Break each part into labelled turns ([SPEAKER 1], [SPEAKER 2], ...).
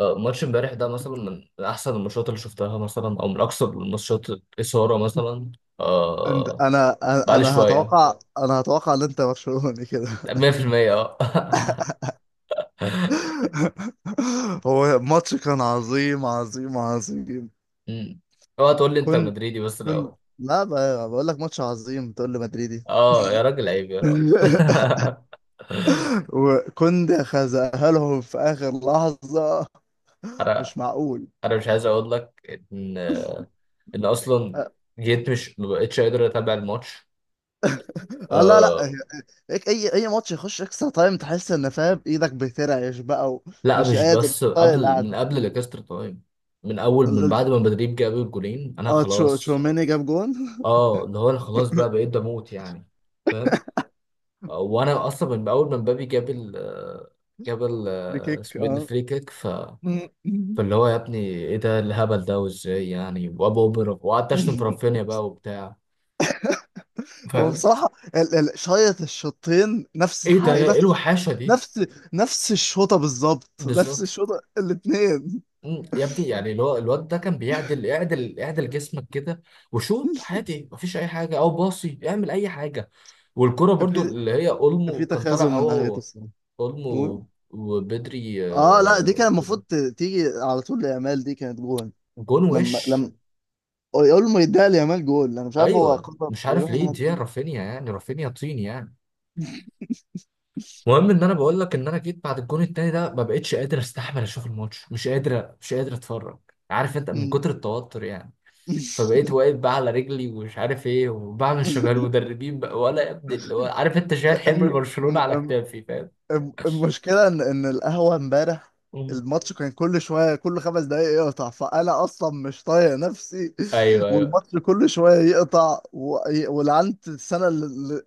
[SPEAKER 1] ماتش امبارح ده مثلا من احسن الماتشات اللي شفتها مثلا او من اكثر الماتشات اثاره مثلا.
[SPEAKER 2] انت
[SPEAKER 1] آه
[SPEAKER 2] انا انا
[SPEAKER 1] بقالي
[SPEAKER 2] أنا
[SPEAKER 1] شويه
[SPEAKER 2] هتوقع، انا هتوقع ان انت برشلوني كده.
[SPEAKER 1] 100% اه.
[SPEAKER 2] هو الماتش كان عظيم عظيم عظيم.
[SPEAKER 1] أمم. اوعى تقول لي انت
[SPEAKER 2] كنت
[SPEAKER 1] مدريدي بس
[SPEAKER 2] كنت
[SPEAKER 1] الاول.
[SPEAKER 2] لا، بقول لك ماتش عظيم تقول لي مدريدي؟
[SPEAKER 1] اه يا راجل، عيب يا راجل.
[SPEAKER 2] وكنت خزقها لهم في اخر لحظة.
[SPEAKER 1] انا
[SPEAKER 2] مش معقول!
[SPEAKER 1] انا مش عايز اقول لك ان ان اصلا جيت، مش ما بقتش قادر اتابع الماتش.
[SPEAKER 2] اه، لا لا،
[SPEAKER 1] آه،
[SPEAKER 2] هيك اي ماتش يخش اكسترا تايم تحس ان فاهم ايدك بترعش بقى،
[SPEAKER 1] لا
[SPEAKER 2] ومش
[SPEAKER 1] مش
[SPEAKER 2] قادر،
[SPEAKER 1] بس
[SPEAKER 2] مش طايق
[SPEAKER 1] قبل، من
[SPEAKER 2] القعده.
[SPEAKER 1] قبل الاكسترا تايم. من اول،
[SPEAKER 2] ال-
[SPEAKER 1] من
[SPEAKER 2] ال-
[SPEAKER 1] بعد ما مدريد جاب الجولين انا
[SPEAKER 2] اه
[SPEAKER 1] خلاص.
[SPEAKER 2] تشوميني جاب جون.
[SPEAKER 1] اه اللي هو انا خلاص بقى بقيت بموت يعني، فاهم؟ وانا اصلا من اول ما مبابي جاب ال آه، جاب ال
[SPEAKER 2] دي
[SPEAKER 1] آه،
[SPEAKER 2] كيك،
[SPEAKER 1] اسمه ايه ده،
[SPEAKER 2] اه.
[SPEAKER 1] الفري كيك.
[SPEAKER 2] مم.
[SPEAKER 1] فاللي هو يا ابني ايه ده الهبل ده، وازاي يعني، وابو اوبرا، وقعدت اشتم في رافينيا بقى وبتاع،
[SPEAKER 2] هو
[SPEAKER 1] فاهم؟
[SPEAKER 2] بصراحة شايط الشوطين. نفس
[SPEAKER 1] ايه ده،
[SPEAKER 2] حاجة،
[SPEAKER 1] ايه الوحاشه دي؟
[SPEAKER 2] نفس نفس الشوطة بالظبط، نفس
[SPEAKER 1] بالظبط.
[SPEAKER 2] الشوطة الاتنين.
[SPEAKER 1] يا ابني يعني اللي هو الواد ده كان بيعدل، اعدل اعدل جسمك كده، وشوط عادي مفيش اي حاجه او باصي اعمل اي حاجه. والكرة
[SPEAKER 2] كان
[SPEAKER 1] برضو
[SPEAKER 2] في
[SPEAKER 1] اللي هي
[SPEAKER 2] كان في
[SPEAKER 1] اولمو كان
[SPEAKER 2] تخاذل
[SPEAKER 1] طالع
[SPEAKER 2] من
[SPEAKER 1] هو
[SPEAKER 2] ناحيته الصراحة. قول.
[SPEAKER 1] اولمو وبدري
[SPEAKER 2] اه لا، دي كان المفروض تيجي على طول ليامال، دي كانت جول.
[SPEAKER 1] جون. وش؟
[SPEAKER 2] لما يقول ما يديها ليامال جول، انا مش عارف هو
[SPEAKER 1] ايوه
[SPEAKER 2] قرر
[SPEAKER 1] مش عارف
[SPEAKER 2] يروح
[SPEAKER 1] ليه
[SPEAKER 2] الناحية
[SPEAKER 1] دي،
[SPEAKER 2] التانية.
[SPEAKER 1] رافينيا يعني، رافينيا طين يعني. المهم ان انا بقول لك ان انا جيت بعد الجون التاني ده ما بقتش قادر استحمل اشوف الماتش، مش قادر مش قادر اتفرج، عارف انت من
[SPEAKER 2] أمم.
[SPEAKER 1] كتر التوتر يعني. فبقيت واقف بقى على رجلي ومش عارف ايه، وبعمل شبه المدربين بقى، ولا يا ابني اللي هو عارف انت، شايل حمل
[SPEAKER 2] الم-
[SPEAKER 1] برشلونة على
[SPEAKER 2] الم-
[SPEAKER 1] كتافي، فاهم؟
[SPEAKER 2] المشكلة إن القهوة إمبارح،
[SPEAKER 1] مم.
[SPEAKER 2] الماتش كان كل شوية، كل خمس دقايق يقطع، فأنا أصلا مش طايق نفسي.
[SPEAKER 1] ايوه ايوه.
[SPEAKER 2] والماتش كل شوية يقطع ولعنت السنة اللي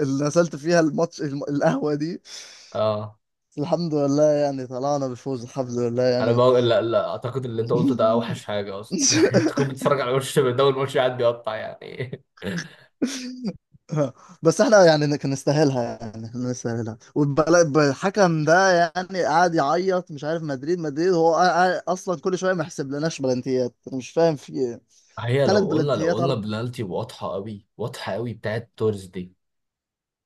[SPEAKER 2] اللي نزلت فيها الماتش، القهوة دي.
[SPEAKER 1] اه
[SPEAKER 2] بس الحمد لله يعني، طلعنا بفوز الحمد لله
[SPEAKER 1] انا
[SPEAKER 2] يعني.
[SPEAKER 1] بقول لا، لا اعتقد اللي انت قلته ده اوحش حاجه اصلا، لكن بتكون بتتفرج على وش ده والوش قاعد بيقطع يعني.
[SPEAKER 2] اه. بس احنا يعني كان نستاهلها، يعني كان نستاهلها. والحكم ده يعني قاعد يعيط مش عارف، مدريد هو اصلا كل شويه ما يحسب لناش بلانتيات. أنا مش فاهم في ايه.
[SPEAKER 1] هي
[SPEAKER 2] ثلاث
[SPEAKER 1] لو قلنا،
[SPEAKER 2] بلانتيات، أرب...
[SPEAKER 1] بلالتي واضحه قوي، واضحه قوي بتاعت تورز دي،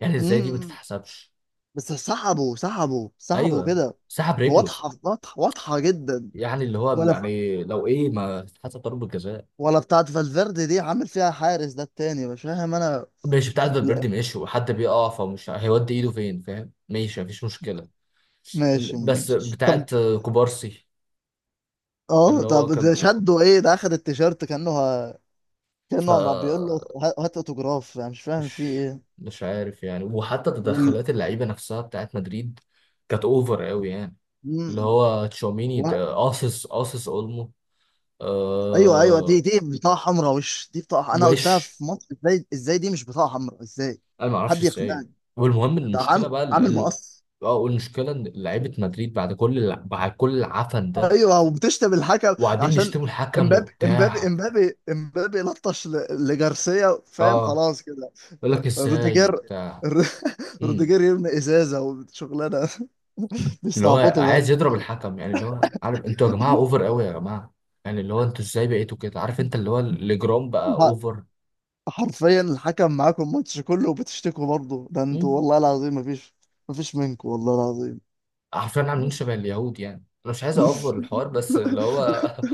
[SPEAKER 1] يعني ازاي دي ما
[SPEAKER 2] مم.
[SPEAKER 1] تتحسبش؟
[SPEAKER 2] بس سحبوا سحبوا سحبوا
[SPEAKER 1] ايوه،
[SPEAKER 2] كده.
[SPEAKER 1] سحب رجله،
[SPEAKER 2] واضحه واضحه واضحه جدا.
[SPEAKER 1] يعني اللي هو
[SPEAKER 2] ولا
[SPEAKER 1] يعني لو ايه ما تتحسب ضربه جزاء؟
[SPEAKER 2] ولا بتاعت فالفيردي دي، عامل فيها حارس ده التاني مش فاهم انا.
[SPEAKER 1] ماشي، بتاعت
[SPEAKER 2] لا،
[SPEAKER 1] فالفيردي ماشي، وحد بيقع فمش هيودي ايده فين، فاهم، ماشي، مفيش مشكله.
[SPEAKER 2] ماشي
[SPEAKER 1] بس
[SPEAKER 2] ماشي. طب،
[SPEAKER 1] بتاعت كوبارسي
[SPEAKER 2] اه
[SPEAKER 1] اللي
[SPEAKER 2] طب
[SPEAKER 1] هو
[SPEAKER 2] ده
[SPEAKER 1] كان.
[SPEAKER 2] شدوا ايه؟ ده اخد التيشيرت كانه
[SPEAKER 1] ف
[SPEAKER 2] كانه ما بيقول له، هات اوتوجراف. انا مش فاهم في
[SPEAKER 1] مش
[SPEAKER 2] ايه.
[SPEAKER 1] مش عارف يعني. وحتى
[SPEAKER 2] وال...
[SPEAKER 1] تدخلات اللعيبه نفسها بتاعت مدريد كانت اوفر قوي يعني، اللي
[SPEAKER 2] مم.
[SPEAKER 1] هو تشاوميني
[SPEAKER 2] و...
[SPEAKER 1] ده قاصص قاصص اولمو.
[SPEAKER 2] ايوه ايوه، دي
[SPEAKER 1] آه
[SPEAKER 2] دي بطاقه حمراء! مش دي بطاقه، انا
[SPEAKER 1] وش؟
[SPEAKER 2] قلتها في مصر. ازاي دي مش بطاقه حمراء؟ ازاي؟
[SPEAKER 1] انا ما اعرفش
[SPEAKER 2] حد
[SPEAKER 1] ازاي.
[SPEAKER 2] يقنعني.
[SPEAKER 1] والمهم
[SPEAKER 2] ده
[SPEAKER 1] المشكله
[SPEAKER 2] عم
[SPEAKER 1] بقى
[SPEAKER 2] عامل مقص.
[SPEAKER 1] المشكله ان لعيبه مدريد بعد كل العفن ده،
[SPEAKER 2] ايوه، وبتشتم الحكم
[SPEAKER 1] وقاعدين
[SPEAKER 2] عشان
[SPEAKER 1] بيشتموا الحكم وبتاع.
[SPEAKER 2] امبابي لطش لجارسيا فاهم،
[SPEAKER 1] اه
[SPEAKER 2] خلاص كده.
[SPEAKER 1] يقول لك ازاي
[SPEAKER 2] روديجير.
[SPEAKER 1] وبتاع،
[SPEAKER 2] روديجير يرمي ازازه وشغلانه.
[SPEAKER 1] اللي هو
[SPEAKER 2] بيستعبطوا.
[SPEAKER 1] عايز يضرب الحكم يعني، اللي هو عارف انتوا يا جماعه اوفر قوي يا جماعه، يعني اللي هو انتوا ازاي بقيتوا كده؟ عارف
[SPEAKER 2] برضه
[SPEAKER 1] انت اللي هو الاجرام بقى اوفر.
[SPEAKER 2] حرفيا الحكم معاكم الماتش كله وبتشتكوا برضه. ده انتوا
[SPEAKER 1] مم.
[SPEAKER 2] والله العظيم، مفيش منكم والله العظيم.
[SPEAKER 1] عارفين عاملين
[SPEAKER 2] بس
[SPEAKER 1] شبه اليهود يعني، انا مش عايز اوفر الحوار بس اللي هو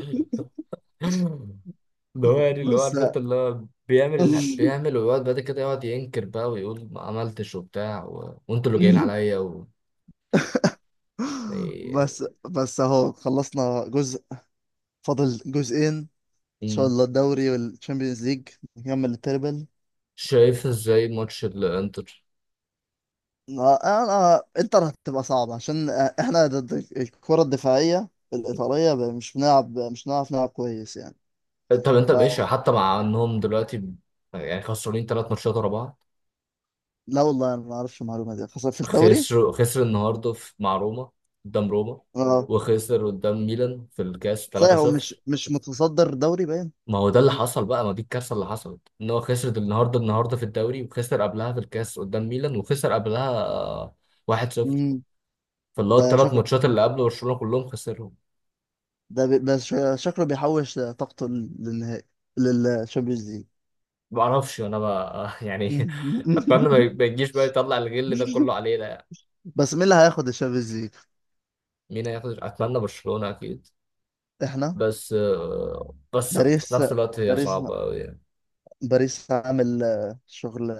[SPEAKER 1] اللي هو يعني اللي هو
[SPEAKER 2] بس
[SPEAKER 1] عارف انت اللي هو بيعمل بيعمل، ويقعد بعد كده يقعد ينكر بقى ويقول ما عملتش وبتاع، و... وانتوا اللي جايين عليا، و... يعني.
[SPEAKER 2] بس بس اهو خلصنا جزء. فاضل جزئين، ان شاء
[SPEAKER 1] مم.
[SPEAKER 2] الله الدوري والتشامبيونز ليج، نكمل التربل.
[SPEAKER 1] شايف ازاي ماتش الانتر؟
[SPEAKER 2] انا انتر هتبقى صعبة، عشان احنا ضد الكرة الدفاعية الإيطالية. مش بنلعب، مش بنعرف نلعب كويس يعني.
[SPEAKER 1] طب انت ماشي
[SPEAKER 2] فلا
[SPEAKER 1] حتى مع انهم دلوقتي يعني خسرانين ثلاث ماتشات ورا بعض؟
[SPEAKER 2] والله انا ما اعرفش المعلومة دي، خاصة في الدوري.
[SPEAKER 1] خسروا، خسر النهارده في، مع روما، قدام روما،
[SPEAKER 2] آه،
[SPEAKER 1] وخسر قدام ميلان في الكاس
[SPEAKER 2] صحيح، هو مش
[SPEAKER 1] 3-0.
[SPEAKER 2] مش متصدر دوري باين.
[SPEAKER 1] ما هو ده اللي حصل بقى، ما دي الكارثه اللي حصلت ان هو خسر النهارده، النهارده في الدوري، وخسر قبلها في الكاس قدام ميلان، وخسر قبلها 1-0.
[SPEAKER 2] امم.
[SPEAKER 1] فاللي هو
[SPEAKER 2] ده
[SPEAKER 1] الثلاث
[SPEAKER 2] شكله،
[SPEAKER 1] ماتشات اللي قبل برشلونه كلهم خسرهم.
[SPEAKER 2] ده بي... بس شا- شكله بيحوش طاقته للنهائي، للشامبيونز ليج.
[SPEAKER 1] ما اعرفش انا بقى يعني، اتمنى ما ما يجيش بقى يطلع الغل ده كله علينا يعني.
[SPEAKER 2] بس مين اللي هياخد الشامبيونز ليج؟
[SPEAKER 1] مين هياخد؟ اتمنى برشلونه اكيد،
[SPEAKER 2] احنا.
[SPEAKER 1] بس بس في
[SPEAKER 2] باريس،
[SPEAKER 1] نفس الوقت هي
[SPEAKER 2] باريس،
[SPEAKER 1] صعبه قوي يعني.
[SPEAKER 2] باريس عامل شغل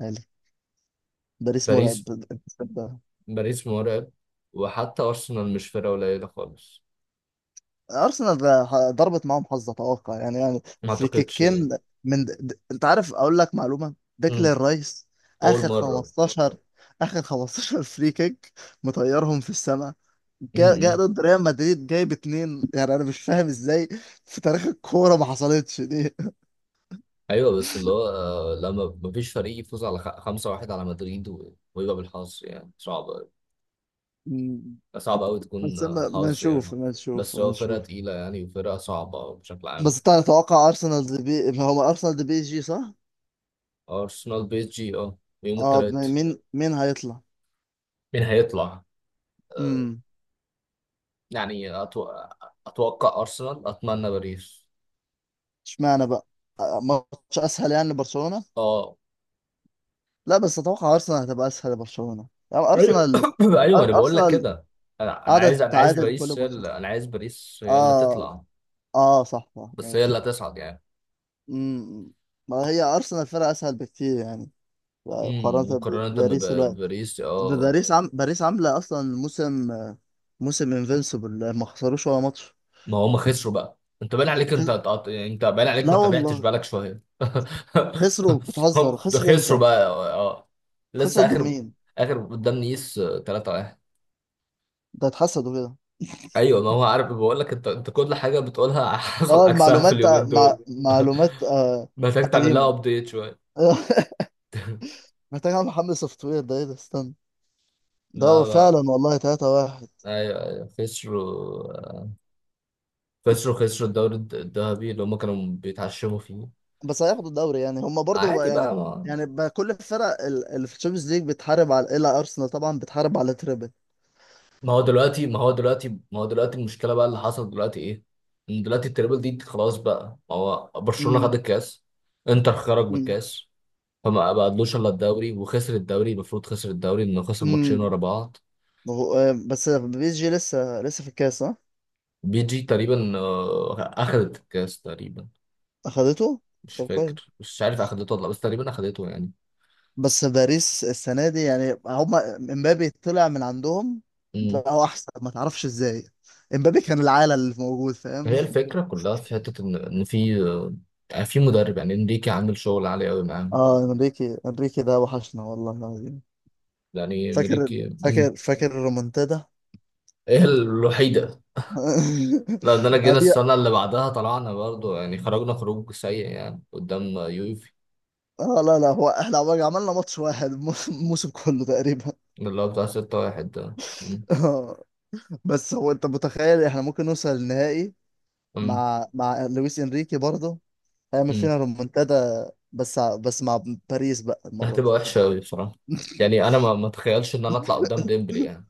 [SPEAKER 2] عالي. باريس مرعب.
[SPEAKER 1] باريس، باريس مرعب. وحتى أرسنال مش فرقة قليلة خالص.
[SPEAKER 2] ارسنال ضربت معاهم حظ اتوقع، يعني يعني
[SPEAKER 1] ما
[SPEAKER 2] في
[SPEAKER 1] أعتقدش.
[SPEAKER 2] كيكين. انت عارف اقول لك معلومه؟
[SPEAKER 1] مم.
[SPEAKER 2] ديكلان رايس،
[SPEAKER 1] أول
[SPEAKER 2] اخر
[SPEAKER 1] مرة.
[SPEAKER 2] 15، فري كيك مطيرهم في السماء. جاء جا جا
[SPEAKER 1] مم.
[SPEAKER 2] ضد ريال مدريد جايب اتنين، يعني انا مش فاهم ازاي. في تاريخ الكوره ما حصلتش دي.
[SPEAKER 1] أيوه بس اللي هو لما مفيش فريق يفوز على خمسة واحد على مدريد ويبقى بالحظ، يعني صعب أوي.
[SPEAKER 2] مم.
[SPEAKER 1] صعب أوي تكون
[SPEAKER 2] بس ما
[SPEAKER 1] حظ يعني.
[SPEAKER 2] نشوف، ما نشوف،
[SPEAKER 1] بس
[SPEAKER 2] ما
[SPEAKER 1] هو فرقة
[SPEAKER 2] نشوف.
[SPEAKER 1] تقيلة يعني وفرقة صعبة بشكل عام.
[SPEAKER 2] بس انت تتوقع ارسنال دي هو ارسنال دي بي جي صح؟
[SPEAKER 1] أرسنال، بي إس جي، أه يوم
[SPEAKER 2] اه.
[SPEAKER 1] التلات.
[SPEAKER 2] مين هيطلع؟
[SPEAKER 1] مين هيطلع؟ آه، يعني أتوقع أرسنال، أتمنى باريس.
[SPEAKER 2] اشمعنى بقى؟ ماتش اسهل يعني لبرشلونه.
[SPEAKER 1] أه
[SPEAKER 2] لا بس اتوقع ارسنال هتبقى اسهل لبرشلونه، يعني
[SPEAKER 1] ايوه.
[SPEAKER 2] ارسنال،
[SPEAKER 1] ايوه انا بقول لك
[SPEAKER 2] ارسنال
[SPEAKER 1] كده، انا
[SPEAKER 2] قاعده
[SPEAKER 1] عايز، انا عايز
[SPEAKER 2] تتعادل كل
[SPEAKER 1] باريس هي
[SPEAKER 2] ماتش.
[SPEAKER 1] اللي، انا عايز باريس هي اللي
[SPEAKER 2] اه،
[SPEAKER 1] تطلع.
[SPEAKER 2] اه صح صح،
[SPEAKER 1] بس هي اللي
[SPEAKER 2] ماشي.
[SPEAKER 1] هتصعد يعني.
[SPEAKER 2] امم. ما هي ارسنال فرقه اسهل بكتير يعني، مقارنه
[SPEAKER 1] مقارنه
[SPEAKER 2] بباريس الوقت.
[SPEAKER 1] بباريس اه.
[SPEAKER 2] باريس عامله اصلا موسم، انفنسبل، ما خسروش ولا ماتش.
[SPEAKER 1] ما هم خسروا بقى، انت باين عليك، انت
[SPEAKER 2] خس...
[SPEAKER 1] انت انت باين عليك
[SPEAKER 2] لا
[SPEAKER 1] ما تابعتش
[SPEAKER 2] والله.
[SPEAKER 1] بالك شويه.
[SPEAKER 2] خسروا؟ بتهزر!
[SPEAKER 1] هم ده
[SPEAKER 2] خسروا
[SPEAKER 1] خسروا
[SPEAKER 2] امتى؟
[SPEAKER 1] بقى اه.
[SPEAKER 2] خسروا
[SPEAKER 1] لسه
[SPEAKER 2] ضد
[SPEAKER 1] اخر،
[SPEAKER 2] مين؟
[SPEAKER 1] اخر قدام نيس 3-1.
[SPEAKER 2] ده اتحسدوا كده.
[SPEAKER 1] ايوه، ما هو عارف، بقول لك انت كل حاجه بتقولها حصل
[SPEAKER 2] اه،
[SPEAKER 1] عكسها في
[SPEAKER 2] المعلومات،
[SPEAKER 1] اليومين دول.
[SPEAKER 2] معلومات
[SPEAKER 1] محتاج تعمل لها
[SPEAKER 2] قديمة.
[SPEAKER 1] ابديت شويه.
[SPEAKER 2] محتاج اعمل محمل سوفت وير، ده ايه ده، استنى. ده هو
[SPEAKER 1] لا
[SPEAKER 2] فعلا
[SPEAKER 1] لا
[SPEAKER 2] والله 3 واحد!
[SPEAKER 1] ايوه ايوه، خسروا، خسروا خسروا الدوري الذهبي اللي هم كانوا بيتعشموا فيه.
[SPEAKER 2] بس هياخدوا الدوري يعني، هم برضو
[SPEAKER 1] عادي
[SPEAKER 2] يعني.
[SPEAKER 1] بقى، ما
[SPEAKER 2] يعني بقى كل الفرق اللي في الشامبيونز ليج بتحارب على الا، ارسنال طبعا بتحارب على تريبل.
[SPEAKER 1] ما هو دلوقتي المشكله بقى اللي حصل دلوقتي ايه؟ ان دلوقتي التريبل دي خلاص بقى، ما هو برشلونه خد
[SPEAKER 2] امم.
[SPEAKER 1] الكاس، انتر خرج من
[SPEAKER 2] امم.
[SPEAKER 1] الكاس، فما بقالوش الا الدوري، وخسر الدوري، المفروض خسر الدوري انه خسر ماتشين
[SPEAKER 2] امم.
[SPEAKER 1] ورا بعض.
[SPEAKER 2] بس PSG لسه في الكاس ها؟
[SPEAKER 1] بي جي تقريبا اخذت الكاس تقريبا.
[SPEAKER 2] اخدته.
[SPEAKER 1] مش
[SPEAKER 2] طب
[SPEAKER 1] فاكر،
[SPEAKER 2] كويس.
[SPEAKER 1] مش عارف اخدته ولا لأ، بس تقريبا اخدته.
[SPEAKER 2] بس باريس السنة دي، يعني هما امبابي طلع من عندهم،
[SPEAKER 1] يعني
[SPEAKER 2] بقى هو أحسن، ما تعرفش إزاي. امبابي كان العالة اللي موجود فاهم.
[SPEAKER 1] هي الفكرة كلها في حتة إن في يعني في مدرب، يعني إنريكي عامل شغل عالي أوي معاهم.
[SPEAKER 2] اه، انريكي ده وحشنا والله العظيم.
[SPEAKER 1] يعني
[SPEAKER 2] فاكر
[SPEAKER 1] إنريكي. مم.
[SPEAKER 2] فاكر الرومنتادا!
[SPEAKER 1] هي الوحيدة. لا ده أنا جينا
[SPEAKER 2] هدي.
[SPEAKER 1] السنة اللي بعدها، طلعنا برضو يعني، خرجنا خروج سيء يعني قدام يوفي،
[SPEAKER 2] اه لا لا، هو احنا عملنا ماتش واحد الموسم كله تقريبا.
[SPEAKER 1] اللي هو بتاع ستة واحد ده. مم.
[SPEAKER 2] آه، بس هو انت متخيل احنا ممكن نوصل النهائي،
[SPEAKER 1] مم.
[SPEAKER 2] مع لويس انريكي برضه؟ هيعمل
[SPEAKER 1] مم.
[SPEAKER 2] فينا رومنتادا، بس مع باريس بقى المرة دي.
[SPEAKER 1] هتبقى وحشة أوي بصراحة، يعني أنا ما أتخيلش إن أنا أطلع قدام ديمبلي يعني.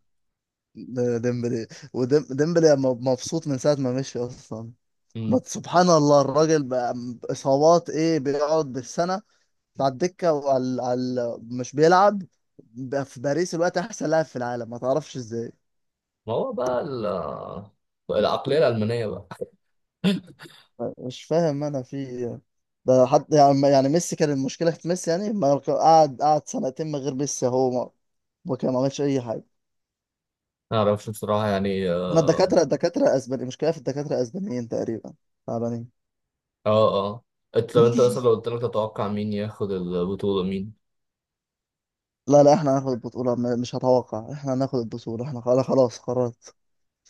[SPEAKER 2] ده ديمبلي، وديمبلي مبسوط من ساعة ما مشي أصلا. ما
[SPEAKER 1] مم.
[SPEAKER 2] سبحان الله الراجل بقى، إصابات إيه، بيقعد بالسنة على الدكة، على مش بيلعب، بقى في باريس الوقت أحسن لاعب في العالم ما تعرفش إزاي.
[SPEAKER 1] ما هو بقى العقلية الألمانية بقى.
[SPEAKER 2] مش فاهم أنا في إيه. ده حد؟ يعني ميسي كان المشكلة في ميسي؟ يعني ما قعد، قعد سنتين من غير ميسي، هو ما وكان ما عملش أي حاجة.
[SPEAKER 1] ما أعرفش بصراحة يعني
[SPEAKER 2] احنا الدكاترة، أسباني مشكلة في الدكاترة أسبانيين تقريبا، تعبانين.
[SPEAKER 1] اه اه انت لو، انت مثلا لو قلت لك تتوقع مين ياخد البطولة؟ مين؟
[SPEAKER 2] لا لا، احنا هناخد البطولة. مش هتوقع، احنا هناخد البطولة، احنا خلاص، قررت.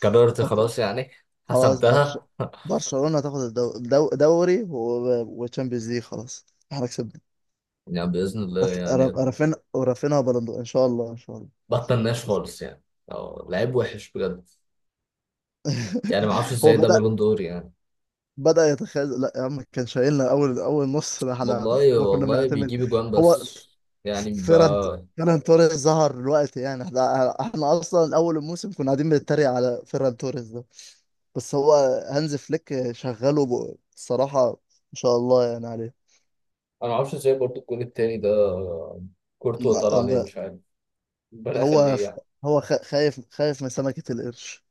[SPEAKER 1] قررت
[SPEAKER 2] برشلونة-
[SPEAKER 1] خلاص يعني،
[SPEAKER 2] خلاص برش...
[SPEAKER 1] حسبتها
[SPEAKER 2] برشلونة تاخد دوري وتشامبيونز ليج. خلاص احنا كسبنا.
[SPEAKER 1] يعني بإذن الله يعني،
[SPEAKER 2] رافين ورافينها بلندو، ان شاء الله.
[SPEAKER 1] بطلناش خالص يعني. اه لعيب وحش بجد، يعني ما اعرفش
[SPEAKER 2] هو
[SPEAKER 1] ازاي ده
[SPEAKER 2] بدأ،
[SPEAKER 1] بالون دور يعني.
[SPEAKER 2] يتخاذل. لا يا عم كان شايلنا، اول نص، ده احنا
[SPEAKER 1] والله،
[SPEAKER 2] ممكن
[SPEAKER 1] والله
[SPEAKER 2] نعتمد.
[SPEAKER 1] بيجيب اجوان
[SPEAKER 2] هو
[SPEAKER 1] بس،
[SPEAKER 2] ف-
[SPEAKER 1] يعني
[SPEAKER 2] فيران
[SPEAKER 1] انا
[SPEAKER 2] فيران توريس ظهر دلوقتي، يعني احنا اصلا اول الموسم كنا قاعدين بنتريق على فيران توريس. بس هو هانز فليك شغله بصراحة ما شاء الله يعني عليه.
[SPEAKER 1] ما اعرفش ازاي برضو الجون التاني ده كورتوا طلع
[SPEAKER 2] م-
[SPEAKER 1] عليه
[SPEAKER 2] ب-
[SPEAKER 1] مش عارف، ربنا
[SPEAKER 2] هو
[SPEAKER 1] يخليه يعني.
[SPEAKER 2] هو خايف خايف من سمكة القرش.